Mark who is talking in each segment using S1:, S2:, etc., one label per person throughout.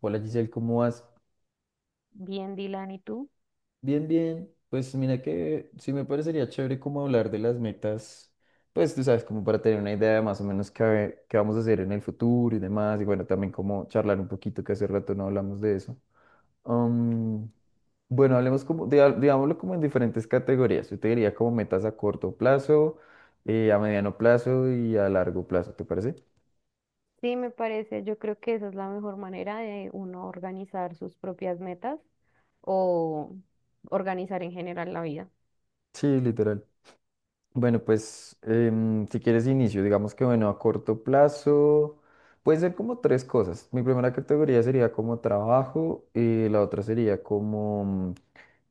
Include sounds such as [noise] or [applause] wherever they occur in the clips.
S1: Hola Giselle, ¿cómo vas?
S2: Bien, Dylan, ¿y tú?
S1: Bien, bien. Pues mira que sí me parecería chévere como hablar de las metas, pues tú sabes, como para tener una idea de más o menos qué vamos a hacer en el futuro y demás, y bueno, también como charlar un poquito, que hace rato no hablamos de eso. Am, bueno, hablemos como, digámoslo como en diferentes categorías. Yo te diría como metas a corto plazo, a mediano plazo y a largo plazo, ¿te parece?
S2: Sí, me parece. Yo creo que esa es la mejor manera de uno organizar sus propias metas o organizar en general la vida.
S1: Sí, literal. Bueno, pues si quieres inicio, digamos que bueno, a corto plazo puede ser como tres cosas. Mi primera categoría sería como trabajo y la otra sería como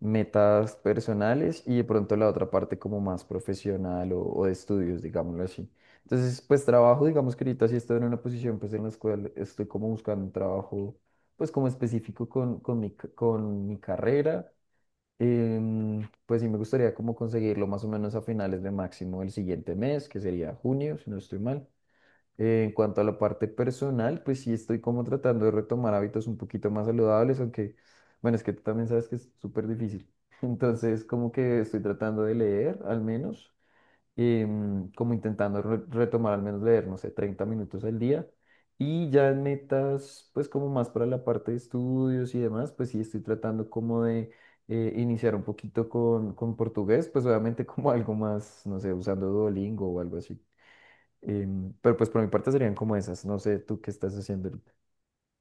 S1: metas personales y de pronto la otra parte como más profesional o de estudios, digámoslo así. Entonces, pues trabajo, digamos que ahorita sí estoy en una posición pues en la cual estoy como buscando un trabajo pues como específico con mi carrera. Pues sí, me gustaría como conseguirlo más o menos a finales de máximo el siguiente mes, que sería junio, si no estoy mal. En cuanto a la parte personal, pues sí estoy como tratando de retomar hábitos un poquito más saludables, aunque, bueno, es que tú también sabes que es súper difícil. [laughs] Entonces, como que estoy tratando de leer al menos como intentando retomar al menos leer, no sé, 30 minutos al día. Y ya en metas, pues como más para la parte de estudios y demás, pues sí estoy tratando como de iniciar un poquito con portugués, pues obviamente [laughs] como algo más, no sé, usando Duolingo o algo así. Pero pues por mi parte serían como esas, no sé, tú qué estás haciendo ahorita.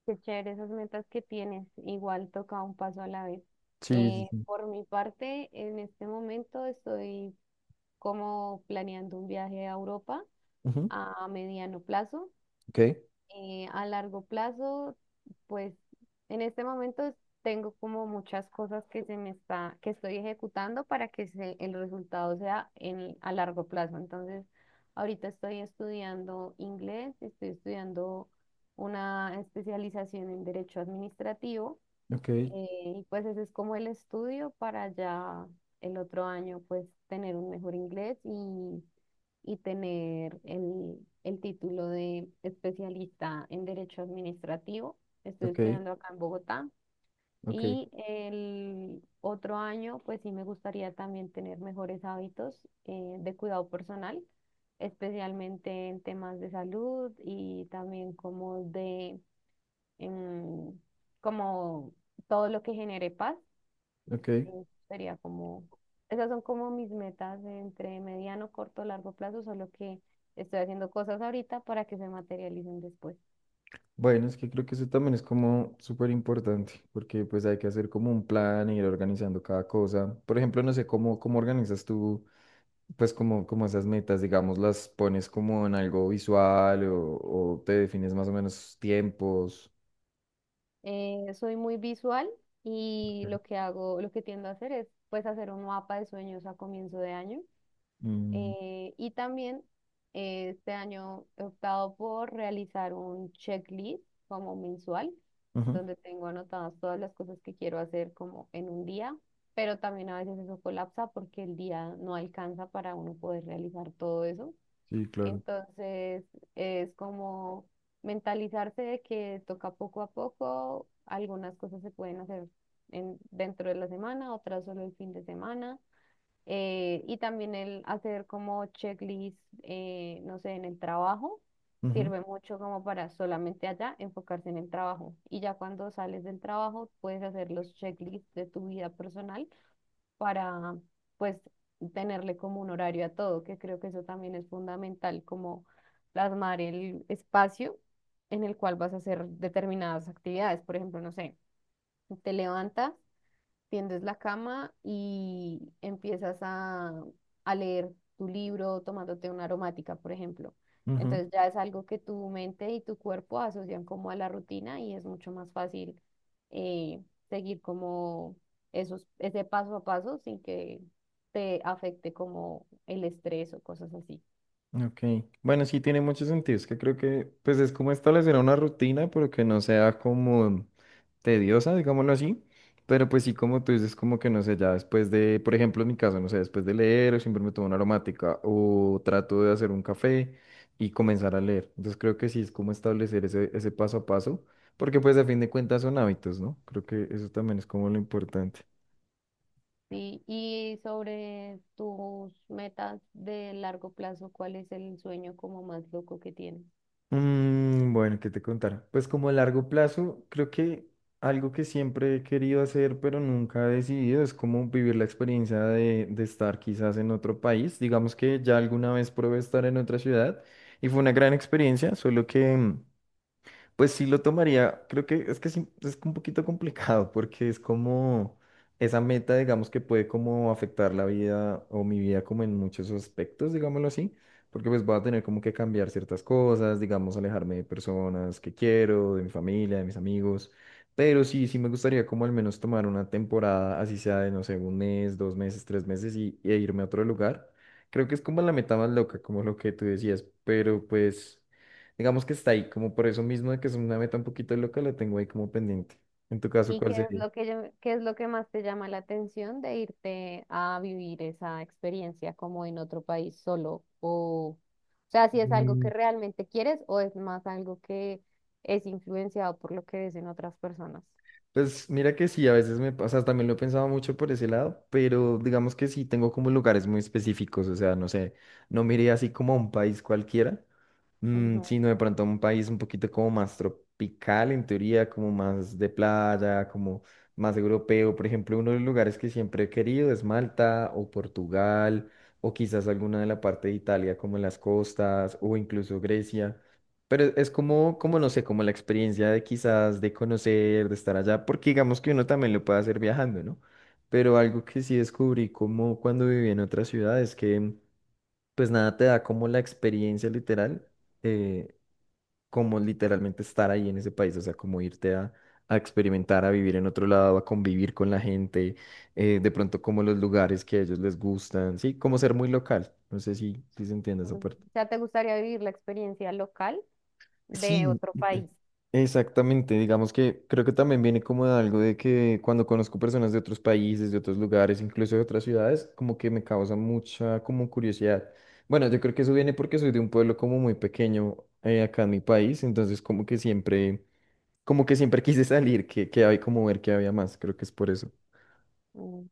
S2: Qué chévere esas metas que tienes. Igual toca un paso a la vez.
S1: Sí, sí, sí.
S2: Por mi parte, en este momento estoy como planeando un viaje a Europa
S1: Ujú.
S2: a mediano plazo.
S1: Ok,
S2: A largo plazo, pues en este momento tengo como muchas cosas que se me está, que estoy ejecutando para que se- el resultado sea en, a largo plazo. Entonces, ahorita estoy estudiando inglés, estoy estudiando una especialización en derecho administrativo
S1: ok,
S2: y pues ese es como el estudio para ya el otro año pues tener un mejor inglés y tener el título de especialista en derecho administrativo. Estoy
S1: ok,
S2: estudiando acá en Bogotá
S1: ok,
S2: y el otro año pues sí me gustaría también tener mejores hábitos de cuidado personal, especialmente en temas de salud y también como de em, como todo lo que genere paz,
S1: ok.
S2: sería como, esas son como mis metas entre mediano, corto, largo plazo, solo que estoy haciendo cosas ahorita para que se materialicen después.
S1: Bueno, es que creo que eso también es como súper importante, porque pues hay que hacer como un plan e ir organizando cada cosa. Por ejemplo, no sé cómo organizas tú, pues como, como esas metas, digamos, las pones como en algo visual o te defines más o menos tiempos.
S2: Soy muy visual y lo que hago, lo que tiendo a hacer es pues hacer un mapa de sueños a comienzo de año.
S1: Mm,
S2: Y también este año he optado por realizar un checklist como mensual,
S1: ujú.
S2: donde tengo anotadas todas las cosas que quiero hacer como en un día, pero también a veces eso colapsa porque el día no alcanza para uno poder realizar todo eso.
S1: Sí, claro.
S2: Entonces es como mentalizarse de que toca poco a poco, algunas cosas se pueden hacer en, dentro de la semana, otras solo el fin de semana y también el hacer como checklist, no sé, en el trabajo,
S1: Ujú,
S2: sirve mucho como para solamente allá enfocarse en el trabajo. Y ya cuando sales del trabajo, puedes hacer los checklists de tu vida personal para, pues, tenerle como un horario a todo, que creo que eso también es fundamental, como plasmar el espacio en el cual vas a hacer determinadas actividades. Por ejemplo, no sé, te levantas tiendes la cama y empiezas a leer tu libro tomándote una aromática, por ejemplo.
S1: ujú.
S2: Entonces ya es algo que tu mente y tu cuerpo asocian como a la rutina y es mucho más fácil eh, seguir como esos, ese paso a paso sin que te afecte como el estrés o cosas así.
S1: Ok, bueno, sí tiene mucho sentido, es que creo que pues es como establecer una rutina, pero que no sea como tediosa, digámoslo así, pero pues sí como tú dices, como que no sé, ya después de, por ejemplo, en mi caso, no sé, después de leer, siempre me tomo una aromática o trato de hacer un café y comenzar a leer, entonces creo que sí es como establecer ese paso a paso, porque pues a fin de cuentas son hábitos, ¿no? Creo que eso también es como lo importante.
S2: Sí, y sobre tus metas de largo plazo, ¿cuál es el sueño como más loco que tienes?
S1: Mm, bueno, ¿qué te contar? Pues como a largo plazo, creo que algo que siempre he querido hacer, pero nunca he decidido, es como vivir la experiencia de estar quizás en otro país. Digamos que ya alguna vez probé estar en otra ciudad y fue una gran experiencia, solo que pues sí lo tomaría, creo que es que sí, es un poquito complicado porque es como esa meta, digamos, que puede como afectar la vida o mi vida como en muchos aspectos, digámoslo así, porque pues voy a tener como que cambiar ciertas cosas, digamos, alejarme de personas que quiero, de mi familia, de mis amigos, pero sí, sí me gustaría como al menos tomar una temporada, así sea de, no sé, 1 mes, 2 meses, 3 meses e irme a otro lugar. Creo que es como la meta más loca, como lo que tú decías, pero pues... Digamos que está ahí, como por eso mismo de que es una meta un poquito loca, la tengo ahí como pendiente. En tu caso,
S2: ¿Y
S1: ¿cuál
S2: qué es
S1: sería?
S2: lo que, qué es lo que más te llama la atención de irte a vivir esa experiencia como en otro país solo? O sea, si es algo que
S1: Mm,
S2: realmente quieres o es más algo que es influenciado por lo que ves en otras personas.
S1: Pues mira que sí, a veces me pasa, también lo he pensado mucho por ese lado, pero digamos que sí tengo como lugares muy específicos, o sea, no sé, no miré así como a un país cualquiera,
S2: Ujú,
S1: sino de pronto a un país un poquito como más tropical en teoría, como más de playa, como más europeo. Por ejemplo, uno de los lugares que siempre he querido es Malta o Portugal o quizás alguna de la parte de Italia como en las costas o incluso Grecia. Pero es como, no sé, como la experiencia de quizás de conocer, de estar allá, porque digamos que uno también lo puede hacer viajando, ¿no? Pero algo que sí descubrí como cuando viví en otra ciudad es que, pues nada, te da como la experiencia literal, eh, como literalmente estar ahí en ese país, o sea, como irte a, experimentar, a vivir en otro lado, a convivir con la gente, de pronto como los lugares que a ellos les gustan, sí, como ser muy local, no sé si se entiende esa
S2: ujú.
S1: parte.
S2: O sea, ¿te gustaría vivir la experiencia local de
S1: Sí,
S2: otro país?
S1: exactamente, digamos que creo que también viene como de algo de que cuando conozco personas de otros países, de otros lugares, incluso de otras ciudades, como que me causa mucha como curiosidad. Bueno, yo creo que eso viene porque soy de un pueblo como muy pequeño acá en mi país, entonces como que siempre [laughs] quise salir, que hay como ver que había más, creo que es por eso.
S2: Mm,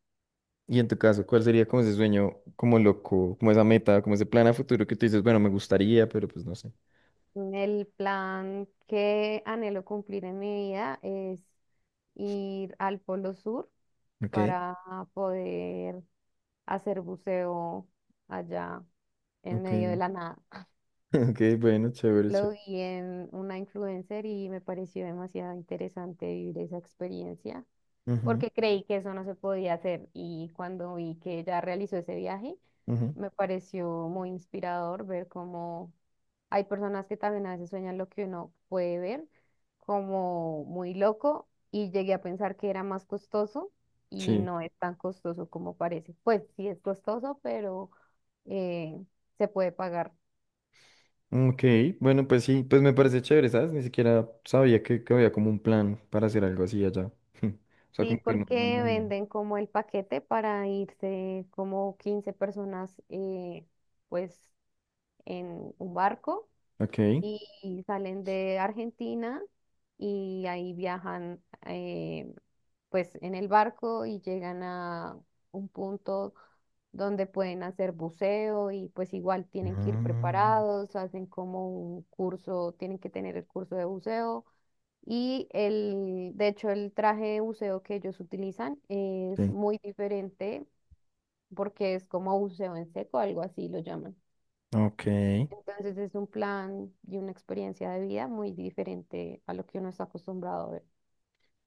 S1: Y en tu caso, ¿cuál sería como ese sueño, como loco, como esa meta, como ese plan a futuro que tú dices, bueno, me gustaría, pero pues no sé.
S2: el plan que anhelo cumplir en mi vida es ir al Polo Sur
S1: Ok.
S2: para poder hacer buceo allá en
S1: Ok,
S2: medio de
S1: [laughs]
S2: la nada. [laughs]
S1: ok, bueno, chévere,
S2: Lo
S1: chévere.
S2: vi en una influencer y me pareció demasiado interesante vivir esa experiencia
S1: Ujú,
S2: porque creí que eso no se podía hacer y cuando vi que ella realizó ese viaje,
S1: ujú.
S2: me pareció muy inspirador ver cómo hay personas que también a veces sueñan lo que uno puede ver como muy loco y llegué a pensar que era más costoso y
S1: Sí.
S2: no es tan costoso como parece. Pues sí es costoso, pero eh, se puede pagar.
S1: Ok, bueno, pues sí, pues me
S2: Sí,
S1: parece chévere, ¿sabes? Ni siquiera sabía que había como un plan para hacer algo así allá. [laughs] O sea,
S2: sí,
S1: como que no. No,
S2: porque
S1: no, no.
S2: venden como el paquete para irse como 15 personas, pues en un barco
S1: Ok.
S2: y salen de Argentina y ahí viajan pues en el barco y llegan a un punto donde pueden hacer buceo y pues igual tienen que ir
S1: Ah,
S2: preparados, hacen como un curso, tienen que tener el curso de buceo. De hecho, el traje de buceo que ellos utilizan es
S1: sí.
S2: muy diferente porque es como buceo en seco, algo así lo llaman.
S1: Ok.
S2: Entonces es un plan y una experiencia de vida muy diferente a lo que uno está acostumbrado a ver.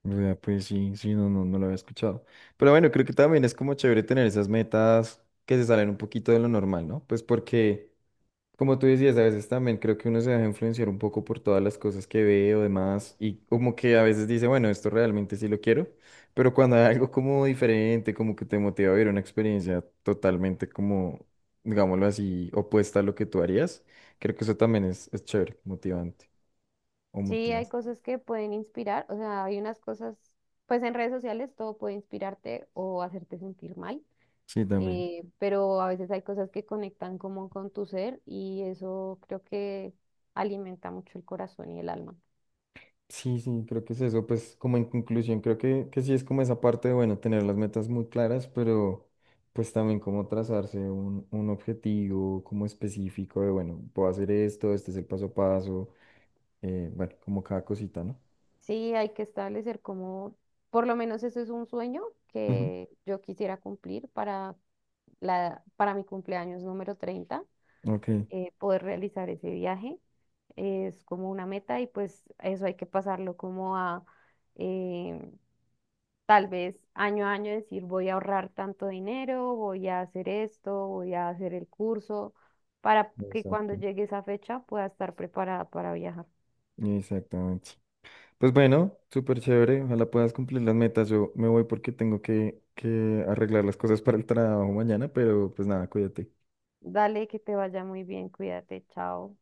S1: Vea, pues sí, sí, no, no, no lo había escuchado. Pero bueno, creo que también es como chévere tener esas metas que se salen un poquito de lo normal, ¿no? Pues porque como tú decías, a veces también creo que uno se deja influenciar un poco por todas las cosas que ve o demás y como que a veces dice, bueno, esto realmente sí lo quiero, pero cuando hay algo como diferente, como que te motiva a vivir una experiencia totalmente como, digámoslo así, opuesta a lo que tú harías, creo que eso también es chévere, motivante o
S2: Sí, hay
S1: motivas.
S2: cosas que pueden inspirar, o sea, hay unas cosas, pues en redes sociales todo puede inspirarte o hacerte sentir mal,
S1: Sí, también.
S2: pero a veces hay cosas que conectan como con tu ser y eso creo que alimenta mucho el corazón y el alma.
S1: Sí, sí, creo que es eso. Pues como en conclusión, creo que sí es como esa parte de, bueno, tener las metas muy claras, pero pues también como trazarse un objetivo como específico de, bueno, puedo hacer esto, este es el paso a paso, bueno, como cada cosita, ¿no?
S2: Sí, hay que establecer como, por lo menos ese es un sueño
S1: Ujú.
S2: que yo quisiera cumplir para, la, para mi cumpleaños número 30,
S1: Ok,
S2: poder realizar ese viaje. Es como una meta y pues eso hay que pasarlo como a eh, tal vez año a año decir voy a ahorrar tanto dinero, voy a hacer esto, voy a hacer el curso, para que cuando
S1: exacto,
S2: llegue esa fecha pueda estar preparada para viajar.
S1: exactamente. Pues bueno, súper chévere, ojalá puedas cumplir las metas. Yo me voy porque tengo que arreglar las cosas para el trabajo mañana, pero pues nada, cuídate.
S2: Dale, que te vaya muy bien, cuídate, chao.